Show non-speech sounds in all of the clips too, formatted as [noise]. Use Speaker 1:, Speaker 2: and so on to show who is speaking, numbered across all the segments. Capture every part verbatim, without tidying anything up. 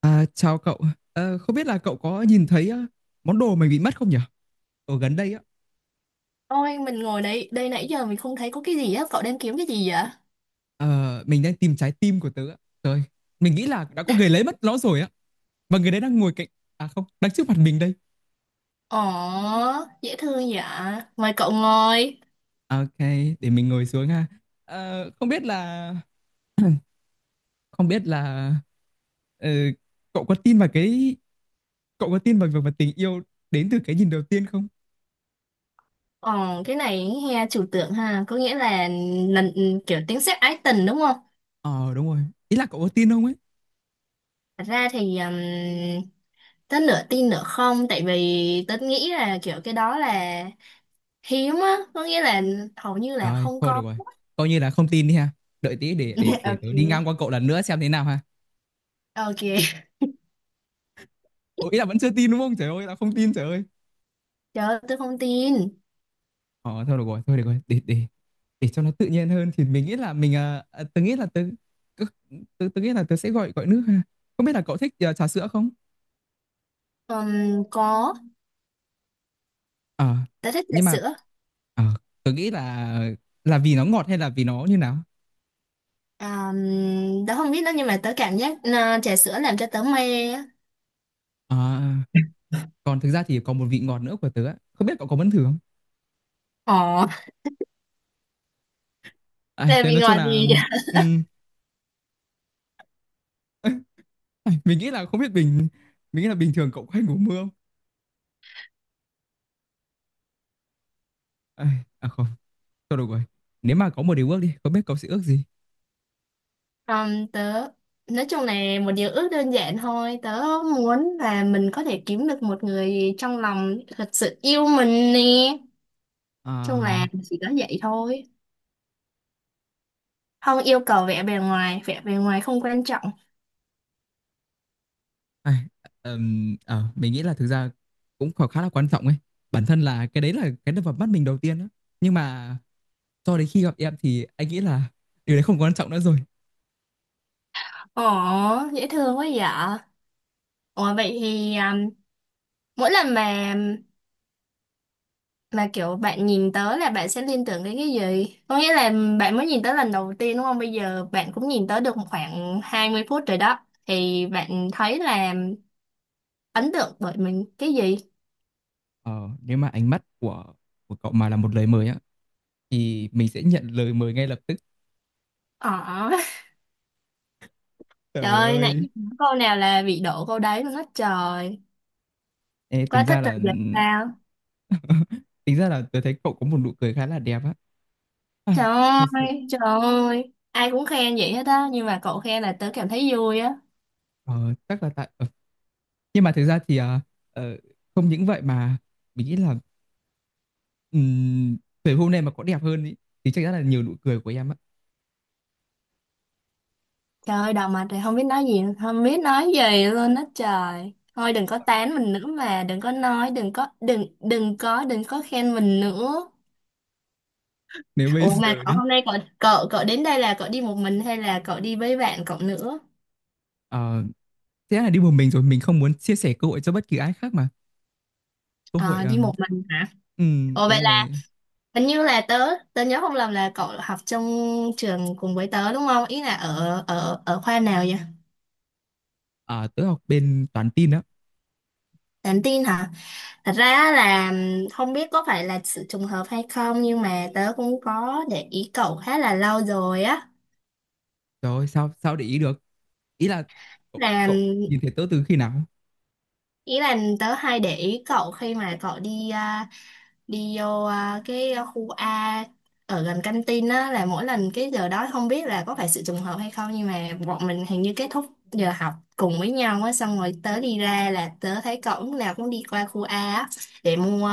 Speaker 1: À, chào cậu. Ờ, không biết là cậu có nhìn thấy ờ, món đồ mình bị mất không nhỉ? Ở gần đây á,
Speaker 2: Ôi, mình ngồi đây, đây nãy giờ mình không thấy có cái gì á. Cậu đang kiếm cái gì vậy?
Speaker 1: ờ, mình đang tìm trái tim của tớ á. Trời, mình nghĩ là đã có người lấy mất nó rồi á. Và người đấy đang ngồi cạnh, à không, đang trước mặt mình đây.
Speaker 2: Ồ, dễ thương vậy. Mời cậu ngồi.
Speaker 1: Ok, để mình ngồi xuống ha. Ờ, không biết là, không biết là, ờ, cậu có tin vào cái, cậu có tin vào việc mà tình yêu đến từ cái nhìn đầu tiên không?
Speaker 2: Ồ, cái này he chủ tượng ha, có nghĩa là lần kiểu tiếng sét ái tình đúng không?
Speaker 1: Ờ, đúng rồi. Ý là cậu có tin không ấy?
Speaker 2: Thật ra thì um, tớ nửa tin nửa không, tại vì tớ nghĩ là kiểu cái đó là hiếm á, có nghĩa là hầu như là
Speaker 1: Rồi,
Speaker 2: không
Speaker 1: thôi được
Speaker 2: có.
Speaker 1: rồi. Coi như là không tin đi ha. Đợi tí để để
Speaker 2: [laughs]
Speaker 1: để tớ đi ngang
Speaker 2: Ok.
Speaker 1: qua cậu lần nữa xem thế nào ha.
Speaker 2: Ok,
Speaker 1: Ủa, ý là vẫn chưa tin đúng không? Trời ơi, là không tin trời ơi.
Speaker 2: trời ơi, tớ không tin.
Speaker 1: Ờ, thôi được rồi, thôi được rồi, để để để cho nó tự nhiên hơn thì mình nghĩ là mình à, à, tớ nghĩ là tớ tớ, tớ tớ nghĩ là tớ sẽ gọi gọi nước ha. Không biết là cậu thích à, trà sữa không?
Speaker 2: Ừm, có,
Speaker 1: Ờ.
Speaker 2: tớ thích trà
Speaker 1: Nhưng mà
Speaker 2: sữa.
Speaker 1: ờ, tớ nghĩ là là vì nó ngọt hay là vì nó như nào?
Speaker 2: À, tớ không biết đó nhưng mà tớ cảm giác à, trà sữa làm cho tớ mê á.
Speaker 1: Ờ, Còn thực ra thì còn một vị ngọt nữa của tớ á. Không biết cậu có muốn thử không?
Speaker 2: Ồ,
Speaker 1: À,
Speaker 2: là
Speaker 1: thế
Speaker 2: vì
Speaker 1: nói chung
Speaker 2: ngoài
Speaker 1: là
Speaker 2: gì
Speaker 1: ừm, [laughs] mình nghĩ là không biết bình mình nghĩ là bình thường cậu có hay ngủ mưa không? Ai, à không, thôi được rồi. Nếu mà có một điều ước đi, không biết cậu sẽ ước gì?
Speaker 2: à, tớ nói chung là một điều ước đơn giản thôi. Tớ muốn là mình có thể kiếm được một người trong lòng thật sự yêu mình nè,
Speaker 1: Ờ,
Speaker 2: chung là chỉ có vậy thôi, không yêu cầu vẻ bề ngoài, vẻ bề ngoài không quan trọng.
Speaker 1: ai, ừm, ờ, mình nghĩ là thực ra cũng khá khá là quan trọng ấy. Bản thân là cái đấy là cái đập vào mắt mình đầu tiên đó. Nhưng mà cho đến khi gặp em thì anh nghĩ là điều đấy không quan trọng nữa rồi.
Speaker 2: Ồ, dễ thương quá vậy. Ồ vậy thì à, mỗi lần mà là kiểu bạn nhìn tới là bạn sẽ liên tưởng đến cái gì, có nghĩa là bạn mới nhìn tới lần đầu tiên đúng không? Bây giờ bạn cũng nhìn tới được khoảng hai mươi phút rồi đó, thì bạn thấy là ấn tượng bởi mình cái gì?
Speaker 1: Ờ, Nếu mà ánh mắt của của cậu mà là một lời mời á thì mình sẽ nhận lời mời ngay lập tức.
Speaker 2: ờ [laughs] Trời
Speaker 1: Trời
Speaker 2: ơi, nãy
Speaker 1: ơi.
Speaker 2: giờ nói câu nào là bị đổ câu đấy luôn á trời.
Speaker 1: Ê, tính
Speaker 2: Quá thích
Speaker 1: ra
Speaker 2: rồi
Speaker 1: là
Speaker 2: giờ sao.
Speaker 1: [laughs] tính ra là tôi thấy cậu có một nụ cười khá là đẹp á. Ai,
Speaker 2: Trời
Speaker 1: Thật sự
Speaker 2: ơi, trời ơi, ai cũng khen vậy hết á, nhưng mà cậu khen là tớ cảm thấy vui á.
Speaker 1: ờ, chắc là tại, ờ, nhưng mà thực ra thì, ờ, ờ, không những vậy mà mình nghĩ là ừm, về hôm nay mà có đẹp hơn ý, thì chắc chắn là nhiều nụ cười của em á.
Speaker 2: Trời ơi, đầu mặt thì không biết nói gì, không biết nói gì luôn á trời. Thôi đừng có tán mình nữa mà, đừng có nói, đừng có, đừng, đừng có, đừng có khen mình nữa.
Speaker 1: Nếu bây
Speaker 2: Ủa mà
Speaker 1: giờ
Speaker 2: cậu
Speaker 1: đi
Speaker 2: hôm nay cậu, cậu, cậu đến đây là cậu đi một mình hay là cậu đi với bạn cậu nữa?
Speaker 1: ờ, Thế là đi một mình rồi, mình không muốn chia sẻ cơ hội cho bất kỳ ai khác mà. Cơ hội,
Speaker 2: À, đi
Speaker 1: ừm,
Speaker 2: một mình hả?
Speaker 1: ừm,
Speaker 2: Ủa vậy
Speaker 1: đúng
Speaker 2: là
Speaker 1: rồi.
Speaker 2: hình như là tớ, tớ nhớ không lầm là cậu học trong trường cùng với tớ đúng không? Ý là ở, ở, ở khoa nào vậy?
Speaker 1: À, tớ học bên toán tin á.
Speaker 2: Nhắn tin hả? Thật ra á là không biết có phải là sự trùng hợp hay không, nhưng mà tớ cũng có để ý cậu khá là lâu rồi á.
Speaker 1: Trời ơi, sao sao để ý được. Ý là cậu,
Speaker 2: Là
Speaker 1: cậu nhìn thấy tớ từ khi nào?
Speaker 2: ý là tớ hay để ý cậu khi mà cậu đi à, đi vô à, cái khu A ở gần căng tin á, là mỗi lần cái giờ đó không biết là có phải sự trùng hợp hay không, nhưng mà bọn mình hình như kết thúc giờ học cùng với nhau á, xong rồi tớ đi ra là tớ thấy cậu lúc nào cũng đi qua khu A á để mua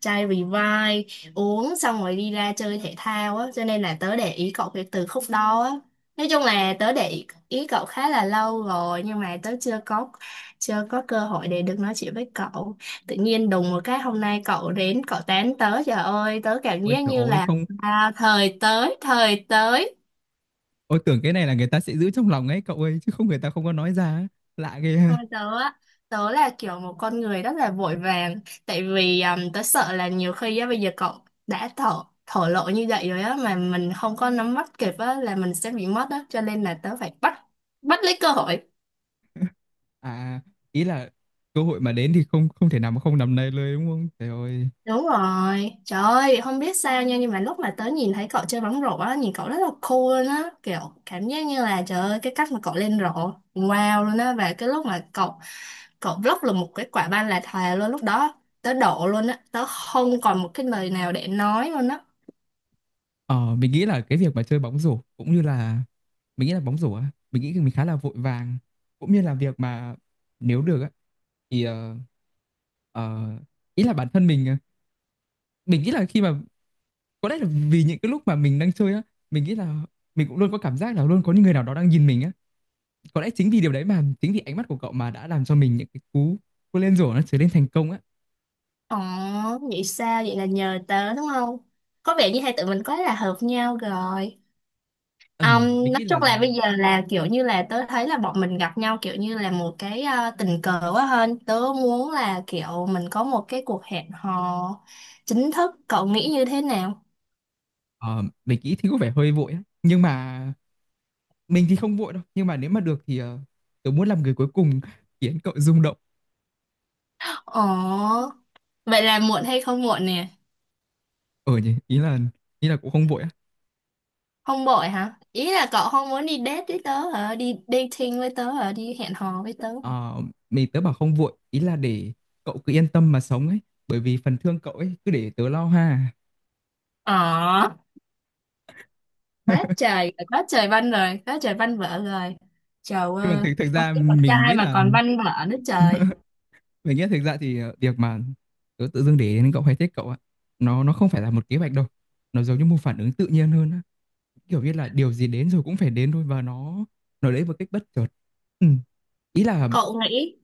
Speaker 2: chai Revive, uống xong rồi đi ra chơi thể thao á, cho nên là tớ để ý cậu kể từ khúc đó á. Nói chung là tớ để ý ý cậu khá là lâu rồi, nhưng mà tớ chưa có, chưa có cơ hội để được nói chuyện với cậu. Tự nhiên đùng một cái hôm nay cậu đến cậu tán tớ, trời ơi tớ cảm
Speaker 1: Ôi
Speaker 2: giác
Speaker 1: trời
Speaker 2: như
Speaker 1: ơi
Speaker 2: là
Speaker 1: không.
Speaker 2: à, thời tới thời tới.
Speaker 1: Ôi tưởng cái này là người ta sẽ giữ trong lòng ấy cậu ơi, chứ không người ta không có nói ra ấy. Lạ ghê.
Speaker 2: Thôi tớ á, tớ là kiểu một con người rất là vội vàng, tại vì um, tớ sợ là nhiều khi á bây giờ cậu đã thổ thổ lộ như vậy rồi á mà mình không có nắm bắt kịp á là mình sẽ bị mất á, cho nên là tớ phải bắt bắt lấy cơ hội.
Speaker 1: À, ý là cơ hội mà đến thì không không thể nào mà không nắm lấyเลยđúng không? Trời ơi.
Speaker 2: Đúng rồi, trời ơi, không biết sao nha, nhưng mà lúc mà tớ nhìn thấy cậu chơi bóng rổ á, nhìn cậu rất là cool luôn á, kiểu cảm giác như là trời ơi, cái cách mà cậu lên rổ, wow luôn á, và cái lúc mà cậu, cậu block là một cái quả banh là thề luôn, lúc đó tớ đổ luôn á, tớ không còn một cái lời nào để nói luôn á.
Speaker 1: Ờ, mình nghĩ là cái việc mà chơi bóng rổ cũng như là, mình nghĩ là bóng rổ á, mình nghĩ mình khá là vội vàng, cũng như là việc mà nếu được á thì ờ, ờ, ý là bản thân mình, ờ, mình nghĩ là khi mà, có lẽ là vì những cái lúc mà mình đang chơi á, mình nghĩ là mình cũng luôn có cảm giác là luôn có những người nào đó đang nhìn mình á. Có lẽ chính vì điều đấy, mà chính vì ánh mắt của cậu mà đã làm cho mình những cái cú cú lên rổ nó trở nên thành công á.
Speaker 2: Ồ, vậy sao, vậy là nhờ tớ đúng không? Có vẻ như hai tụi mình quá là hợp nhau rồi.
Speaker 1: Ừm, mình
Speaker 2: Um, nói
Speaker 1: nghĩ là
Speaker 2: chung là
Speaker 1: do.
Speaker 2: bây giờ là kiểu như là tớ thấy là bọn mình gặp nhau kiểu như là một cái ờ, tình cờ quá, hơn tớ muốn là kiểu mình có một cái cuộc hẹn hò chính thức, cậu nghĩ như thế nào?
Speaker 1: Ờ, mình nghĩ thì có vẻ hơi vội á. Nhưng mà mình thì không vội đâu. Nhưng mà nếu mà được thì ờ, tớ muốn làm người cuối cùng khiến cậu rung động.
Speaker 2: Ồ vậy là muộn hay không muộn nè?
Speaker 1: Ờ nhỉ, ý là ý là cũng không vội á.
Speaker 2: Không vội hả? Ý là cậu không muốn đi date với tớ hả? Đi dating với tớ hả? Đi hẹn hò với tớ hả?
Speaker 1: Ờ, mình tớ bảo không vội, ý là để cậu cứ yên tâm mà sống ấy. Bởi vì phần thương cậu ấy cứ để tớ lo ha.
Speaker 2: Ờ, quá
Speaker 1: [laughs]
Speaker 2: trời quá trời văn rồi, quá trời văn vở rồi, trời
Speaker 1: Nhưng mà
Speaker 2: ơi,
Speaker 1: thực thực
Speaker 2: không
Speaker 1: ra
Speaker 2: biết con
Speaker 1: mình
Speaker 2: trai
Speaker 1: nghĩ
Speaker 2: mà
Speaker 1: là,
Speaker 2: còn văn vở nữa trời.
Speaker 1: [laughs] mình nghĩ là thực ra thì ờ, việc mà tớ tự dưng để đến cậu hay thích cậu á, nó nó không phải là một kế hoạch đâu. Nó giống như một phản ứng tự nhiên hơn á. Kiểu như là điều gì đến rồi cũng phải đến thôi, và nó nó đến một cách bất chợt. Ừ. Ý là,
Speaker 2: Cậu nghĩ.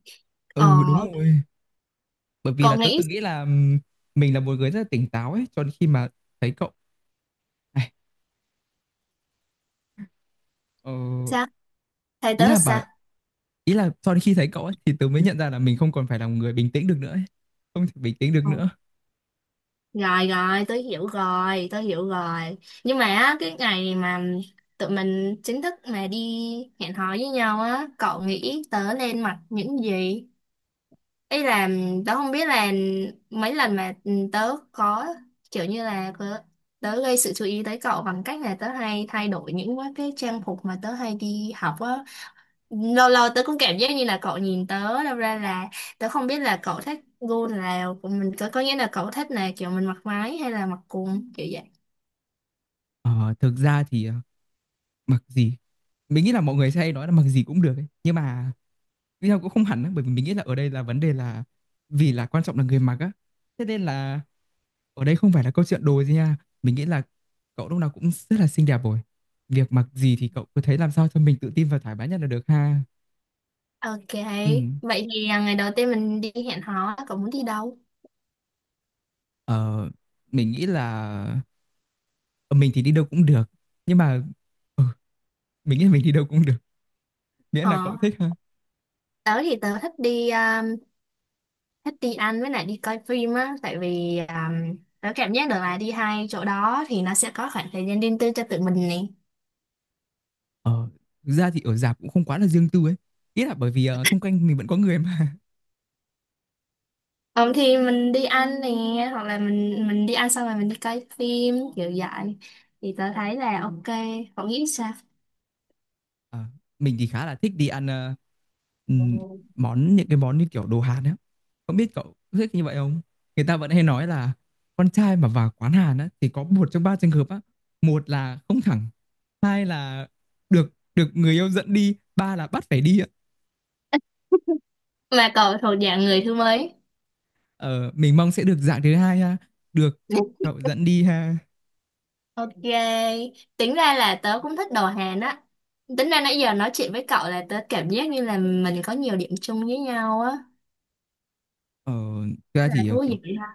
Speaker 2: Ờ.
Speaker 1: ừ đúng rồi. Bởi vì là
Speaker 2: Cậu
Speaker 1: tớ
Speaker 2: nghĩ
Speaker 1: từng nghĩ là ừm, mình là một người rất là tỉnh táo ấy, cho đến khi mà thấy cậu này. ờ,
Speaker 2: sao? Thầy
Speaker 1: ý
Speaker 2: tớ
Speaker 1: là bảo
Speaker 2: sao?
Speaker 1: Ý là cho đến khi thấy cậu ấy thì tớ mới nhận ra là mình không còn phải là một người bình tĩnh được nữa ấy. Không thể bình tĩnh được
Speaker 2: Ừ.
Speaker 1: nữa.
Speaker 2: Rồi rồi, tớ hiểu rồi, tớ hiểu rồi. Nhưng mà á, cái ngày mà tụi mình chính thức mà đi hẹn hò với nhau á, cậu nghĩ tớ nên mặc những gì? Ý là tớ không biết là mấy lần mà ừ, tớ có kiểu như là có- tớ gây sự chú ý tới cậu bằng cách là tớ hay thay đổi những cái trang phục mà tớ hay đi học á, lâu lâu tớ cũng cảm giác như là cậu nhìn tớ đâu ra là tớ không biết là cậu thích gu nào của mình, có có nghĩa là cậu thích là kiểu mình mặc váy hay là mặc quần kiểu vậy.
Speaker 1: Ờ, Thực ra thì, ờ, mặc gì, mình nghĩ là mọi người sẽ hay nói là mặc gì cũng được ấy. Nhưng mà nhưng mà cũng không hẳn ấy, bởi vì mình nghĩ là ở đây là vấn đề là, vì là quan trọng là người mặc á, thế nên là ở đây không phải là câu chuyện đồ gì nha. Mình nghĩ là cậu lúc nào cũng rất là xinh đẹp rồi. Việc mặc gì thì cậu cứ thấy làm sao cho mình tự tin và thoải mái nhất là được ha.
Speaker 2: Ok
Speaker 1: Ừ.
Speaker 2: vậy thì à, ngày đầu tiên mình đi hẹn hò cậu muốn đi đâu?
Speaker 1: ờ, mình nghĩ là, ờ, mình thì đi đâu cũng được, nhưng mà ờ, mình nghĩ là mình đi đâu cũng được, miễn
Speaker 2: Ờ,
Speaker 1: là cậu thích ha.
Speaker 2: tớ thì tớ thích đi um, thích đi ăn với lại đi coi phim á, tại vì um, tớ cảm giác được là đi hai chỗ đó thì nó sẽ có khoảng thời gian riêng tư cho tụi mình nè.
Speaker 1: ờ Thực ra thì ở rạp cũng không quá là riêng tư ấy. Ý là bởi vì ờ, xung quanh mình vẫn có người mà.
Speaker 2: Ờ, thì mình đi ăn nè, hoặc là mình mình đi ăn xong rồi mình đi coi phim kiểu vậy thì tớ thấy là ok, cậu nghĩ sao?
Speaker 1: Ờ, mình thì khá là thích đi ăn, ờ, ừ, món những cái món như kiểu đồ Hàn á. Không biết cậu có thích như vậy không. Người ta vẫn hay nói là con trai mà vào quán Hàn á thì có một trong ba trường hợp á: một là không thẳng, hai là được được người yêu dẫn đi, ba là bắt phải đi á.
Speaker 2: Mà cậu thuộc dạng người thứ mấy?
Speaker 1: ờ, mình mong sẽ được dạng thứ hai ha, được cậu dẫn đi ha.
Speaker 2: Ok, tính ra là tớ cũng thích đồ Hàn á. Tính ra nãy giờ nói chuyện với cậu là tớ cảm giác như là mình có nhiều điểm chung với nhau á,
Speaker 1: ờ, Thực ra
Speaker 2: là
Speaker 1: thì, ờ,
Speaker 2: thú
Speaker 1: kiểu,
Speaker 2: vị ha.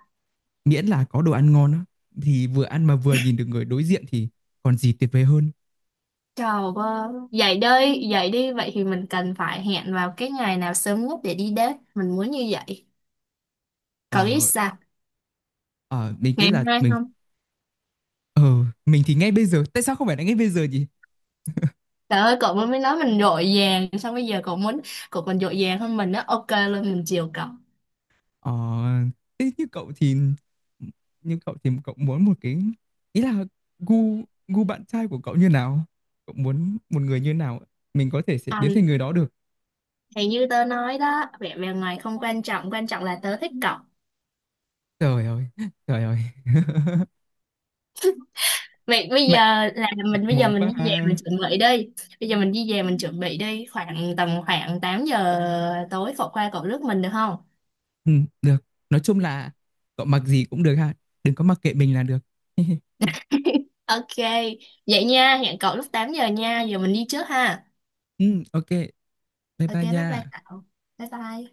Speaker 1: miễn là có đồ ăn ngon á, thì vừa ăn mà vừa nhìn được người đối diện thì còn gì tuyệt vời hơn.
Speaker 2: Trời ơi vậy đây vậy đi, vậy thì mình cần phải hẹn vào cái ngày nào sớm nhất để đi date, mình muốn như vậy. Cậu biết
Speaker 1: Ờ.
Speaker 2: sao?
Speaker 1: ờ, mình nghĩ
Speaker 2: Ngày
Speaker 1: là
Speaker 2: mai
Speaker 1: mình
Speaker 2: không?
Speaker 1: ờ mình thì ngay bây giờ, tại sao không phải là ngay bây giờ nhỉ?
Speaker 2: Trời ơi cậu mới nói mình dội vàng, xong bây giờ cậu muốn. Cậu còn dội vàng hơn mình đó. Ok luôn mình chiều cậu.
Speaker 1: Ờ, thế như cậu thì Như cậu thì cậu muốn một cái, ý là gu gu bạn trai của cậu như nào? Cậu muốn một người như nào? Mình có thể sẽ
Speaker 2: À,
Speaker 1: biến thành người đó được.
Speaker 2: thì như tớ nói đó, vẻ bề ngoài không quan trọng, quan trọng là tớ thích cậu.
Speaker 1: Trời ơi, trời ơi. [laughs]
Speaker 2: Vậy bây giờ
Speaker 1: Mạnh
Speaker 2: là
Speaker 1: mạnh
Speaker 2: mình, bây giờ
Speaker 1: mồm
Speaker 2: mình
Speaker 1: quá
Speaker 2: đi về mình
Speaker 1: ha.
Speaker 2: chuẩn bị đi, bây giờ mình đi về mình chuẩn bị đi. Khoảng tầm khoảng tám giờ tối, cậu qua cậu rước mình được không?
Speaker 1: Ừ, được. Nói chung là cậu mặc gì cũng được ha. Đừng có mặc kệ mình là được. [laughs]
Speaker 2: Ok. Vậy nha, hẹn cậu lúc tám giờ nha. Giờ mình đi trước ha.
Speaker 1: Ừ, ok. Bye
Speaker 2: Ok
Speaker 1: bye
Speaker 2: bye bye
Speaker 1: nha.
Speaker 2: cậu. Bye bye.